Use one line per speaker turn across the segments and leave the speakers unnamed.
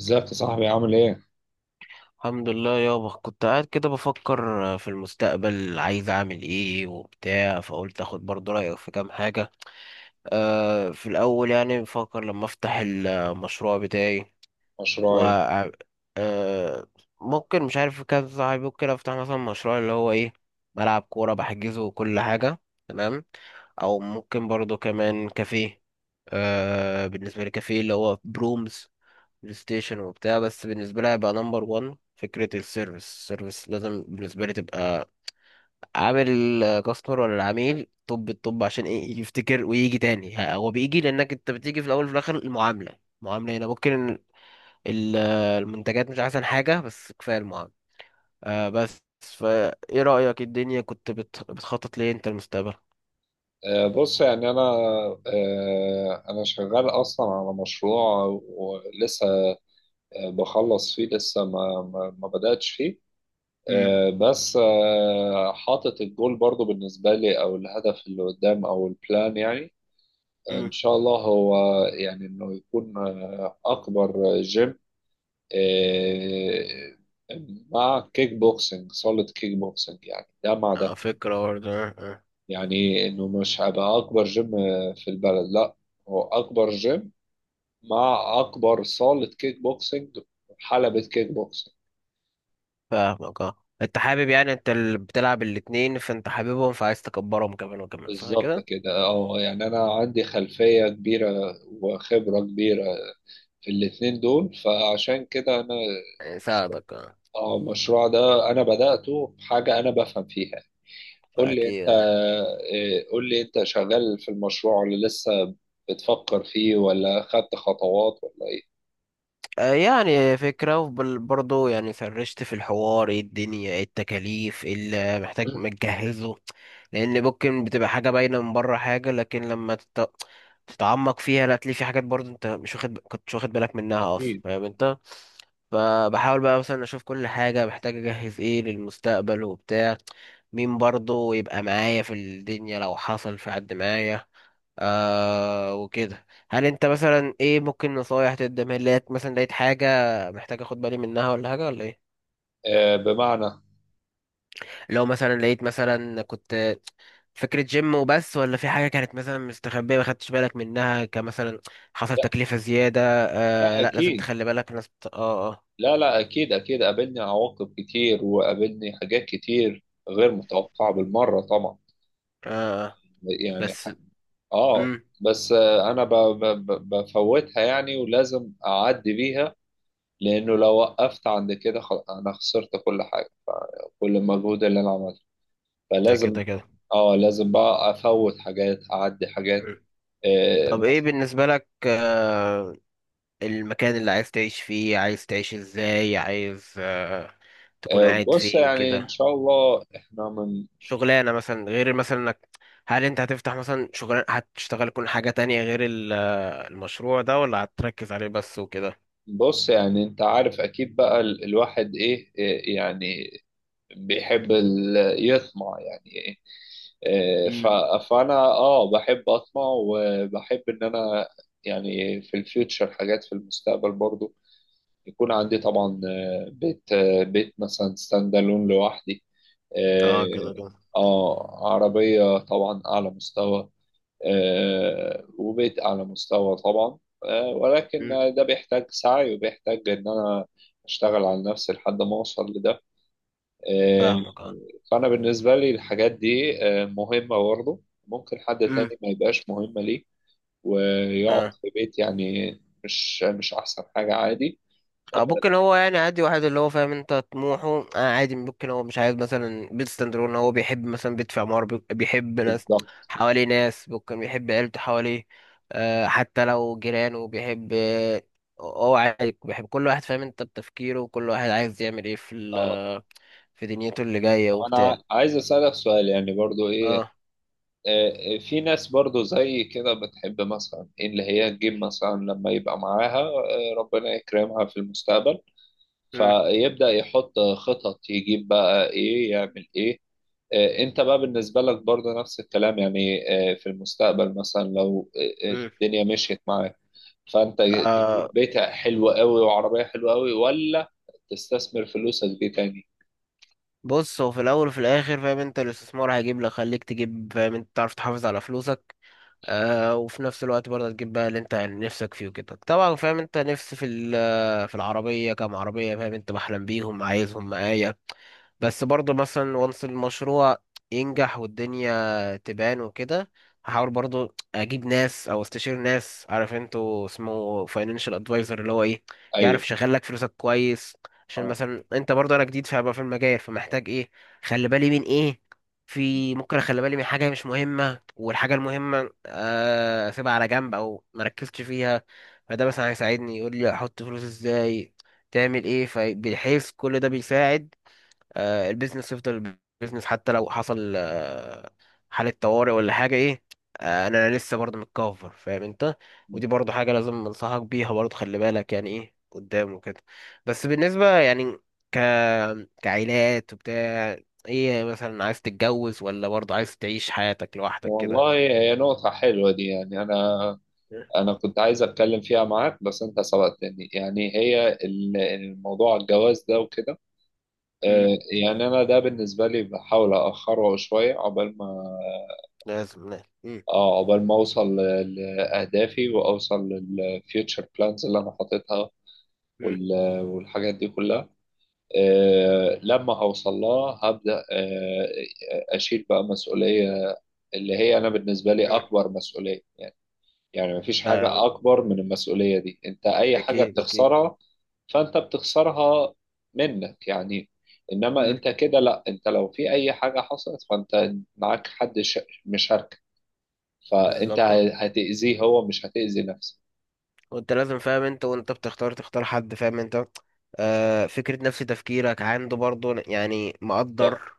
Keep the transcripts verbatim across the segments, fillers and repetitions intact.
ازيك يا صاحبي عامل ايه؟
الحمد لله يابا، كنت قاعد كده بفكر، آه، في المستقبل عايز اعمل ايه وبتاع، فقلت اخد برضه رأيك في كام حاجة. أه في الاول يعني بفكر لما افتح المشروع بتاعي، و
مشروعي.
أه ممكن مش عارف، كذا صاحبي، ممكن افتح مثلا مشروع اللي هو ايه، ملعب كورة بحجزه وكل حاجة. تمام. او ممكن برضه كمان كافيه. أه بالنسبة لي كافيه اللي هو برومز، بلاي ستيشن وبتاع. بس بالنسبة لي هيبقى نمبر واحد فكرة السيرفيس السيرفيس. لازم بالنسبة لي تبقى عامل كاستمر ولا العميل. طب الطب عشان ايه يفتكر ويجي تاني. ه- هو بيجي لانك انت بتيجي في الاول وفي الاخر. المعاملة المعاملة هنا ممكن ال- المنتجات مش احسن حاجة، بس كفاية المعاملة. آه بس فا ايه رأيك الدنيا؟ كنت بت- بتخطط ليه انت المستقبل؟
آه بص يعني انا، آه انا شغال اصلا على مشروع ولسه، آه، بخلص فيه لسه ما ما, ما بدأتش فيه.
امم
آه بس آه حاطط الجول برضو بالنسبة لي، او الهدف اللي قدام، او البلان، يعني ان
امم
شاء الله هو يعني انه يكون آه، اكبر جيم، آه مع كيك بوكسنج، صالة كيك بوكسنج، يعني ده مع ده.
فكرة برضه، آه، آه.
يعني انه مش هيبقى اكبر جيم في البلد، لا، هو اكبر جيم مع اكبر صالة كيك بوكسينج، حلبة كيك بوكسينج.
فاهمك اه. انت حابب، يعني انت اللي بتلعب الاتنين فانت حاببهم فعايز تكبرهم كمان وكمان
بالظبط
فكده.
كده، اه، يعني انا عندي خلفية كبيرة وخبرة كبيرة في الاتنين دول، فعشان كده انا
يساعدك اه،
اه المشروع ده انا بدأته بحاجة انا بفهم فيها. قول لي انت.
فاكيد.
إيه، قول لي انت شغال في المشروع اللي لسه بتفكر فيه ولا خدت خطوات ولا ايه؟
آه، يعني فكرة. وبرضه يعني فرشت في الحوار ايه الدنيا، ايه التكاليف، ايه اللي محتاج متجهزه. لأن ممكن بتبقى حاجة باينة من بره حاجة، لكن لما تت- تتعمق فيها لا تلاقي في حاجات برضه انت مش واخد ب- كنتش واخد بالك منها أصلا، فاهم انت. فبحاول بقى مثلا أشوف كل حاجة محتاج أجهز ايه للمستقبل وبتاع، مين برضه يبقى معايا في الدنيا لو حصل، في حد معايا آه وكده. هل انت مثلا ايه، ممكن نصايح تقدمها لي؟ لقيت مثلا لقيت حاجة محتاج اخد بالي منها، ولا حاجة ولا ايه؟
آه، بمعنى؟
لو مثلا لقيت مثلا، كنت فكرة جيم وبس ولا في حاجة كانت مثلا مستخبية ما خدتش بالك منها، كمثلا حصل
لا
تكلفة زيادة. آه
لا
لا، لازم
اكيد.
تخلي بالك، ناس بت... اه، اه.
لا لا اكيد اكيد، قابلني عواقب كتير وقابلني حاجات كتير غير متوقعة بالمرة طبعا،
اه
يعني.
بس.
اه.
امم
بس آه، انا ب- ب- ب- بفوتها يعني ولازم اعدي بيها، لانه لو وقفت عند كده خل- انا خسرت كل حاجة، كل المجهود اللي انا عملته،
ده
فلازم.
كده كده.
اه لازم بقى افوت حاجات، اعدي حاجات،
مم.
آه،
طب ايه
مثلا.
بالنسبة لك، آه المكان اللي عايز تعيش فيه؟ عايز تعيش ازاي؟ عايز آه تكون
آه،
قاعد
بص
فين
يعني ان
كده؟
شاء الله احنا من.
شغلانه مثلا غير، مثلا انك، هل انت هتفتح مثلا شغلانه؟ هتشتغل كل حاجه تانية غير ال- المشروع ده، ولا هتركز عليه بس وكده؟
بص يعني انت عارف اكيد بقى ال- الواحد ايه، إيه يعني بيحب ال- يطمع يعني ايه. إيه،
امم
ف- فانا اه بحب اطمع، وبحب ان انا يعني في الفيوتشر حاجات في المستقبل برضو يكون عندي، طبعا آه، بيت، آه، بيت مثلا ستاند الون لوحدي،
اه كده
اه،
كده.
آه، عربية طبعا اعلى مستوى، آه، وبقيت أعلى مستوى طبعا، آه، ولكن
امم
ده بيحتاج سعي، وبيحتاج إن أنا أشتغل على نفسي لحد ما أوصل لده، آه.
فاهمك اه.
فأنا بالنسبة لي الحاجات دي آه، مهمة برضه. ممكن حد
امم
تاني ما يبقاش مهمة ليه ويقعد
اه.
في بيت يعني، مش مش أحسن حاجة، عادي.
آه، ممكن هو يعني عادي، واحد اللي هو فاهم انت طموحه. آه عادي، ممكن هو مش عايز مثلا بيت ستاندرون، ان هو بيحب مثلا بيت في عمارة، بي- بيحب ناس
بالظبط.
حواليه، ناس، ممكن بيحب عيلته حواليه. آه حتى لو جيرانه بيحب، آه، هو عادي. بيحب كل واحد فاهم انت بتفكيره، وكل واحد عايز يعمل ايه
اه.
في في دنيته اللي جاية
طب
وبتاع.
أنا عايز أسألك سؤال يعني، برضه إيه.
اه.
آه، آه، في ناس برضو زي كده بتحب مثلا اللي هي تجيب مثلا لما يبقى معاها، آه، ربنا يكرمها في المستقبل،
مم.
فيبدأ يحط خطط، يجيب بقى ايه، يعمل ايه. آه، انت بقى بالنسبة لك برضو نفس الكلام؟ يعني آه، في المستقبل مثلا لو آه، آه،
مم.
الدنيا مشيت معاك، فانت تجيب
آه
بيت حلو قوي وعربية حلوة قوي، ولا تستثمر فلوسك دي تاني؟
بص، هو في الأول وفي الآخر فاهم أنت الاستثمار هيجيب لك. خليك تجيب فاهم أنت، تعرف تحافظ على فلوسك، آه وفي نفس الوقت برضه تجيب بقى اللي انت يعني نفسك فيه وكده. طبعا فاهم انت، نفسي في ال- آه، في العربية، كام عربية فاهم انت بحلم بيهم عايزهم معايا. بس برضه مثلا، وانس المشروع ينجح والدنيا تبان وكده، هحاول برضه اجيب ناس او استشير ناس، عارف انتوا اسمه فاينانشال ادفايزر، اللي هو ايه يعرف
ايوه.
يشغل لك فلوسك كويس. عشان
اه.
مثلا انت برضه، انا جديد فهبقى في المجال، فمحتاج ايه، خلي بالي من ايه. في ممكن اخلي بالي من حاجة مش مهمة، والحاجة المهمة آه، أسيبها على جنب أو مركزتش فيها. فده مثلا هيساعدني، يقول لي أحط فلوس إزاي، تعمل إيه. فبحيث كل ده بيساعد آه، البيزنس يفضل بيزنس، حتى لو حصل آه، حالة طوارئ ولا حاجة إيه. آه، أنا لسه برضه متكفر فاهم أنت، ودي برضه حاجة لازم أنصحك بيها برضه، خلي بالك يعني إيه قدام وكده. بس بالنسبة يعني ك كعائلات وبتاع، إيه مثلا، عايز تتجوز ولا برضه عايز تعيش حياتك لوحدك
والله
كده؟
هي نقطة حلوة دي، يعني أنا أنا كنت عايز أتكلم فيها معاك بس أنت سبقتني. يعني هي ال- الموضوع الجواز ده وكده،
مم.
آه، يعني أنا ده بالنسبة لي بحاول أأخره شوية عقبال ما،
لازم لا. مم.
آه، عقبال ما أوصل ل- لأهدافي وأوصل للفيوتشر بلانز اللي أنا حاططها
مم.
وال- والحاجات دي كلها. آه، لما هوصل لها هبدأ آه، أشيل بقى مسؤولية، اللي هي أنا بالنسبة لي
مم.
أكبر مسؤولية، يعني مفيش حاجة
آه،
أكبر من المسؤولية دي. أنت أي حاجة
اكيد اكيد.
بتخسرها فأنت بتخسرها منك يعني، إنما
مم.
أنت كده لأ، أنت لو في أي حاجة حصلت فأنت معاك حد ش- مشاركك، فأنت
بالظبط آه.
ه- هتأذيه، هو مش هتأذي نفسك.
وانت لازم فاهم انت، وانت بتختار تختار حد فاهم انت، آه، فكرة نفس تفكيرك عنده برضه يعني،
بالظبط.
مقدر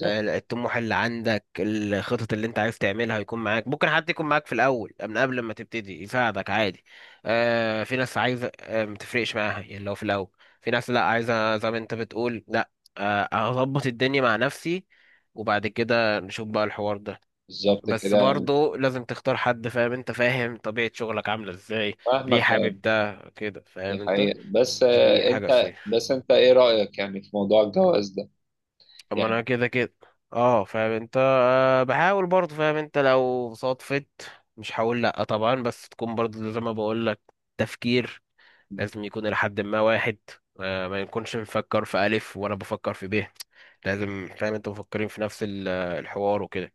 آه، الطموح اللي عندك، الخطط اللي انت عايز تعملها هيكون معاك. ممكن حد يكون معاك في الاول من قبل ما تبتدي، يساعدك عادي. آه في ناس عايزه، آه ما تفرقش معاها يعني لو في الاول. في ناس لا، عايزه زي ما انت بتقول لا، آه اظبط الدنيا مع نفسي وبعد كده نشوف بقى الحوار ده.
بالظبط
بس
كده يعني،
برضه لازم تختار حد فاهم انت، فاهم طبيعة شغلك عاملة ازاي،
مهما
ليه
كان،
حابب ده كده
دي
فاهم انت.
حقيقة. بس
دي
آه،
حاجة
أنت
صحيحة.
بس أنت إيه رأيك يعني في موضوع الجواز ده؟
طب ما انا
يعني
كده كده اه فاهم انت، آه بحاول برضه فاهم انت، لو صدفت مش هقول لا طبعا، بس تكون برضه زي ما بقول لك، تفكير لازم يكون لحد ما واحد. آه ما نكونش بنفكر في الف وانا بفكر في ب. لازم فاهم انت مفكرين في نفس ال- الحوار وكده.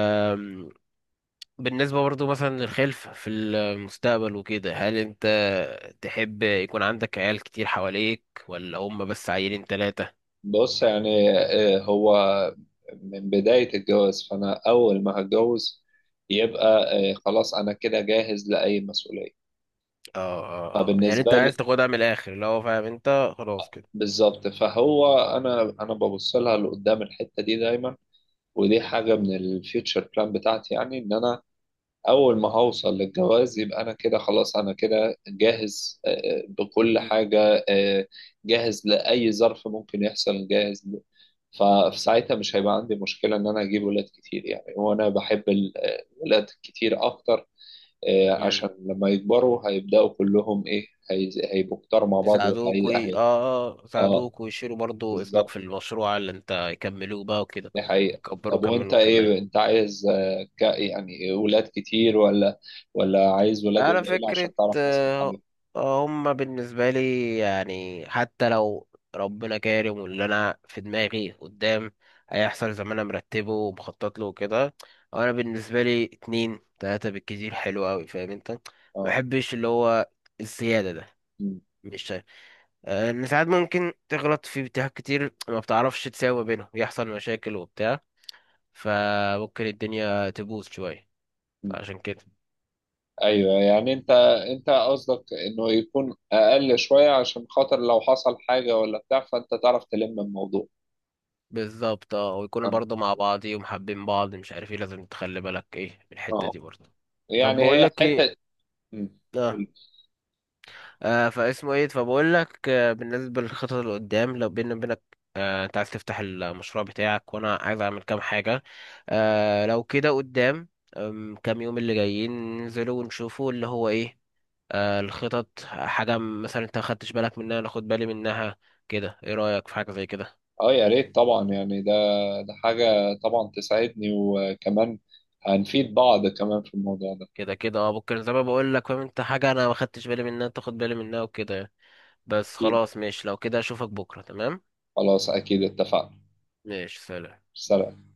أم، بالنسبة برضه مثلا للخلف في المستقبل وكده، هل انت تحب يكون عندك عيال كتير حواليك، ولا هم بس عيلين تلاتة؟
بص يعني، آه، هو من بداية الجواز، فأنا أول ما هتجوز يبقى آه، خلاص أنا كده جاهز لأي مسؤولية،
اه اه اه، يعني
فبالنسبة
انت عايز
لي.
تاخدها من الاخر اللي هو فاهم انت خلاص كده.
بالظبط. فهو أنا أنا ببص لها لقدام الحتة دي دايما، ودي حاجة من الفيوتشر بلان بتاعتي، يعني إن أنا أول ما هوصل للجواز يبقى أنا كده خلاص، أنا كده جاهز آه، آه، بكل
مم.
حاجة، آه، جاهز لأي ظرف ممكن يحصل، جاهز. فساعتها مش هيبقى عندي مشكلة إن أنا أجيب ولاد كتير يعني، وأنا بحب ال- الولاد كتير أكتر، آه،
مم.
عشان لما يكبروا هيبدأوا كلهم إيه، هي- هيبقوا كتار مع بعض، وهي
يساعدوك وي...
هي-
اه. اه
آه.
يساعدوك، ويشيلوا برضو اسمك في
بالظبط.
المشروع اللي انت يكملوه بقى وكده.
دي حقيقة.
وكبروا
طب
كمان
وأنت إيه؟
وكمان.
أنت عايز آه، ك- يعني ولاد كتير، ولا ولا عايز ولاد
على
قليلة
فكرة
عشان تعرف تصرف
آه،
عليهم؟
آه، هم بالنسبة لي يعني، حتى لو ربنا كارم واللي انا في دماغي قدام هيحصل زي ما انا مرتبه ومخطط له وكده، انا بالنسبة لي اتنين تلاتة بالكتير، حلو اوي فاهم انت. ما
آه
بحبش اللي هو الزيادة ده.
م-
مش شايف آه، ان ساعات ممكن تغلط في اتجاهات كتير، ما بتعرفش تساوي بينهم، يحصل مشاكل وبتاع، فممكن الدنيا تبوظ شوية،
م.
فعشان كده.
ايوه يعني انت انت قصدك انه يكون اقل شويه عشان خاطر لو حصل حاجه ولا بتاع فانت تعرف تلم الموضوع.
بالظبط اه، ويكونوا
اه.
برضه مع بعض ومحبين بعض، مش عارف ايه لازم تخلي بالك ايه من الحتة
اه.
دي برضه. طب
يعني
بقول
هي
لك ايه،
حته. مم.
آه.
قول.
آه فاسمه ايه، فبقول لك آه بالنسبه للخطط اللي قدام، لو بيني وبينك آه انت عايز تفتح المشروع بتاعك وانا عايز اعمل كام حاجه، آه لو كده قدام، آم، كام يوم اللي جايين ننزلوا ونشوفوا اللي هو ايه آه الخطط، حاجه مثلا انت ما خدتش بالك منها انا اخد بالي منها كده، ايه رايك في حاجه زي كده؟
اه يا ريت طبعا يعني، ده ده حاجه طبعا تسعدني، وكمان هنفيد بعض كمان في الموضوع ده.
كده كده اه، ممكن زي ما بقول لك فاهم انت، حاجه انا ما خدتش بالي منها تاخد بالي منها وكده يعني. بس
اكيد.
خلاص ماشي، لو كده اشوفك بكره. تمام.
خلاص اكيد اتفقنا.
ماشي، سلام.
سلام.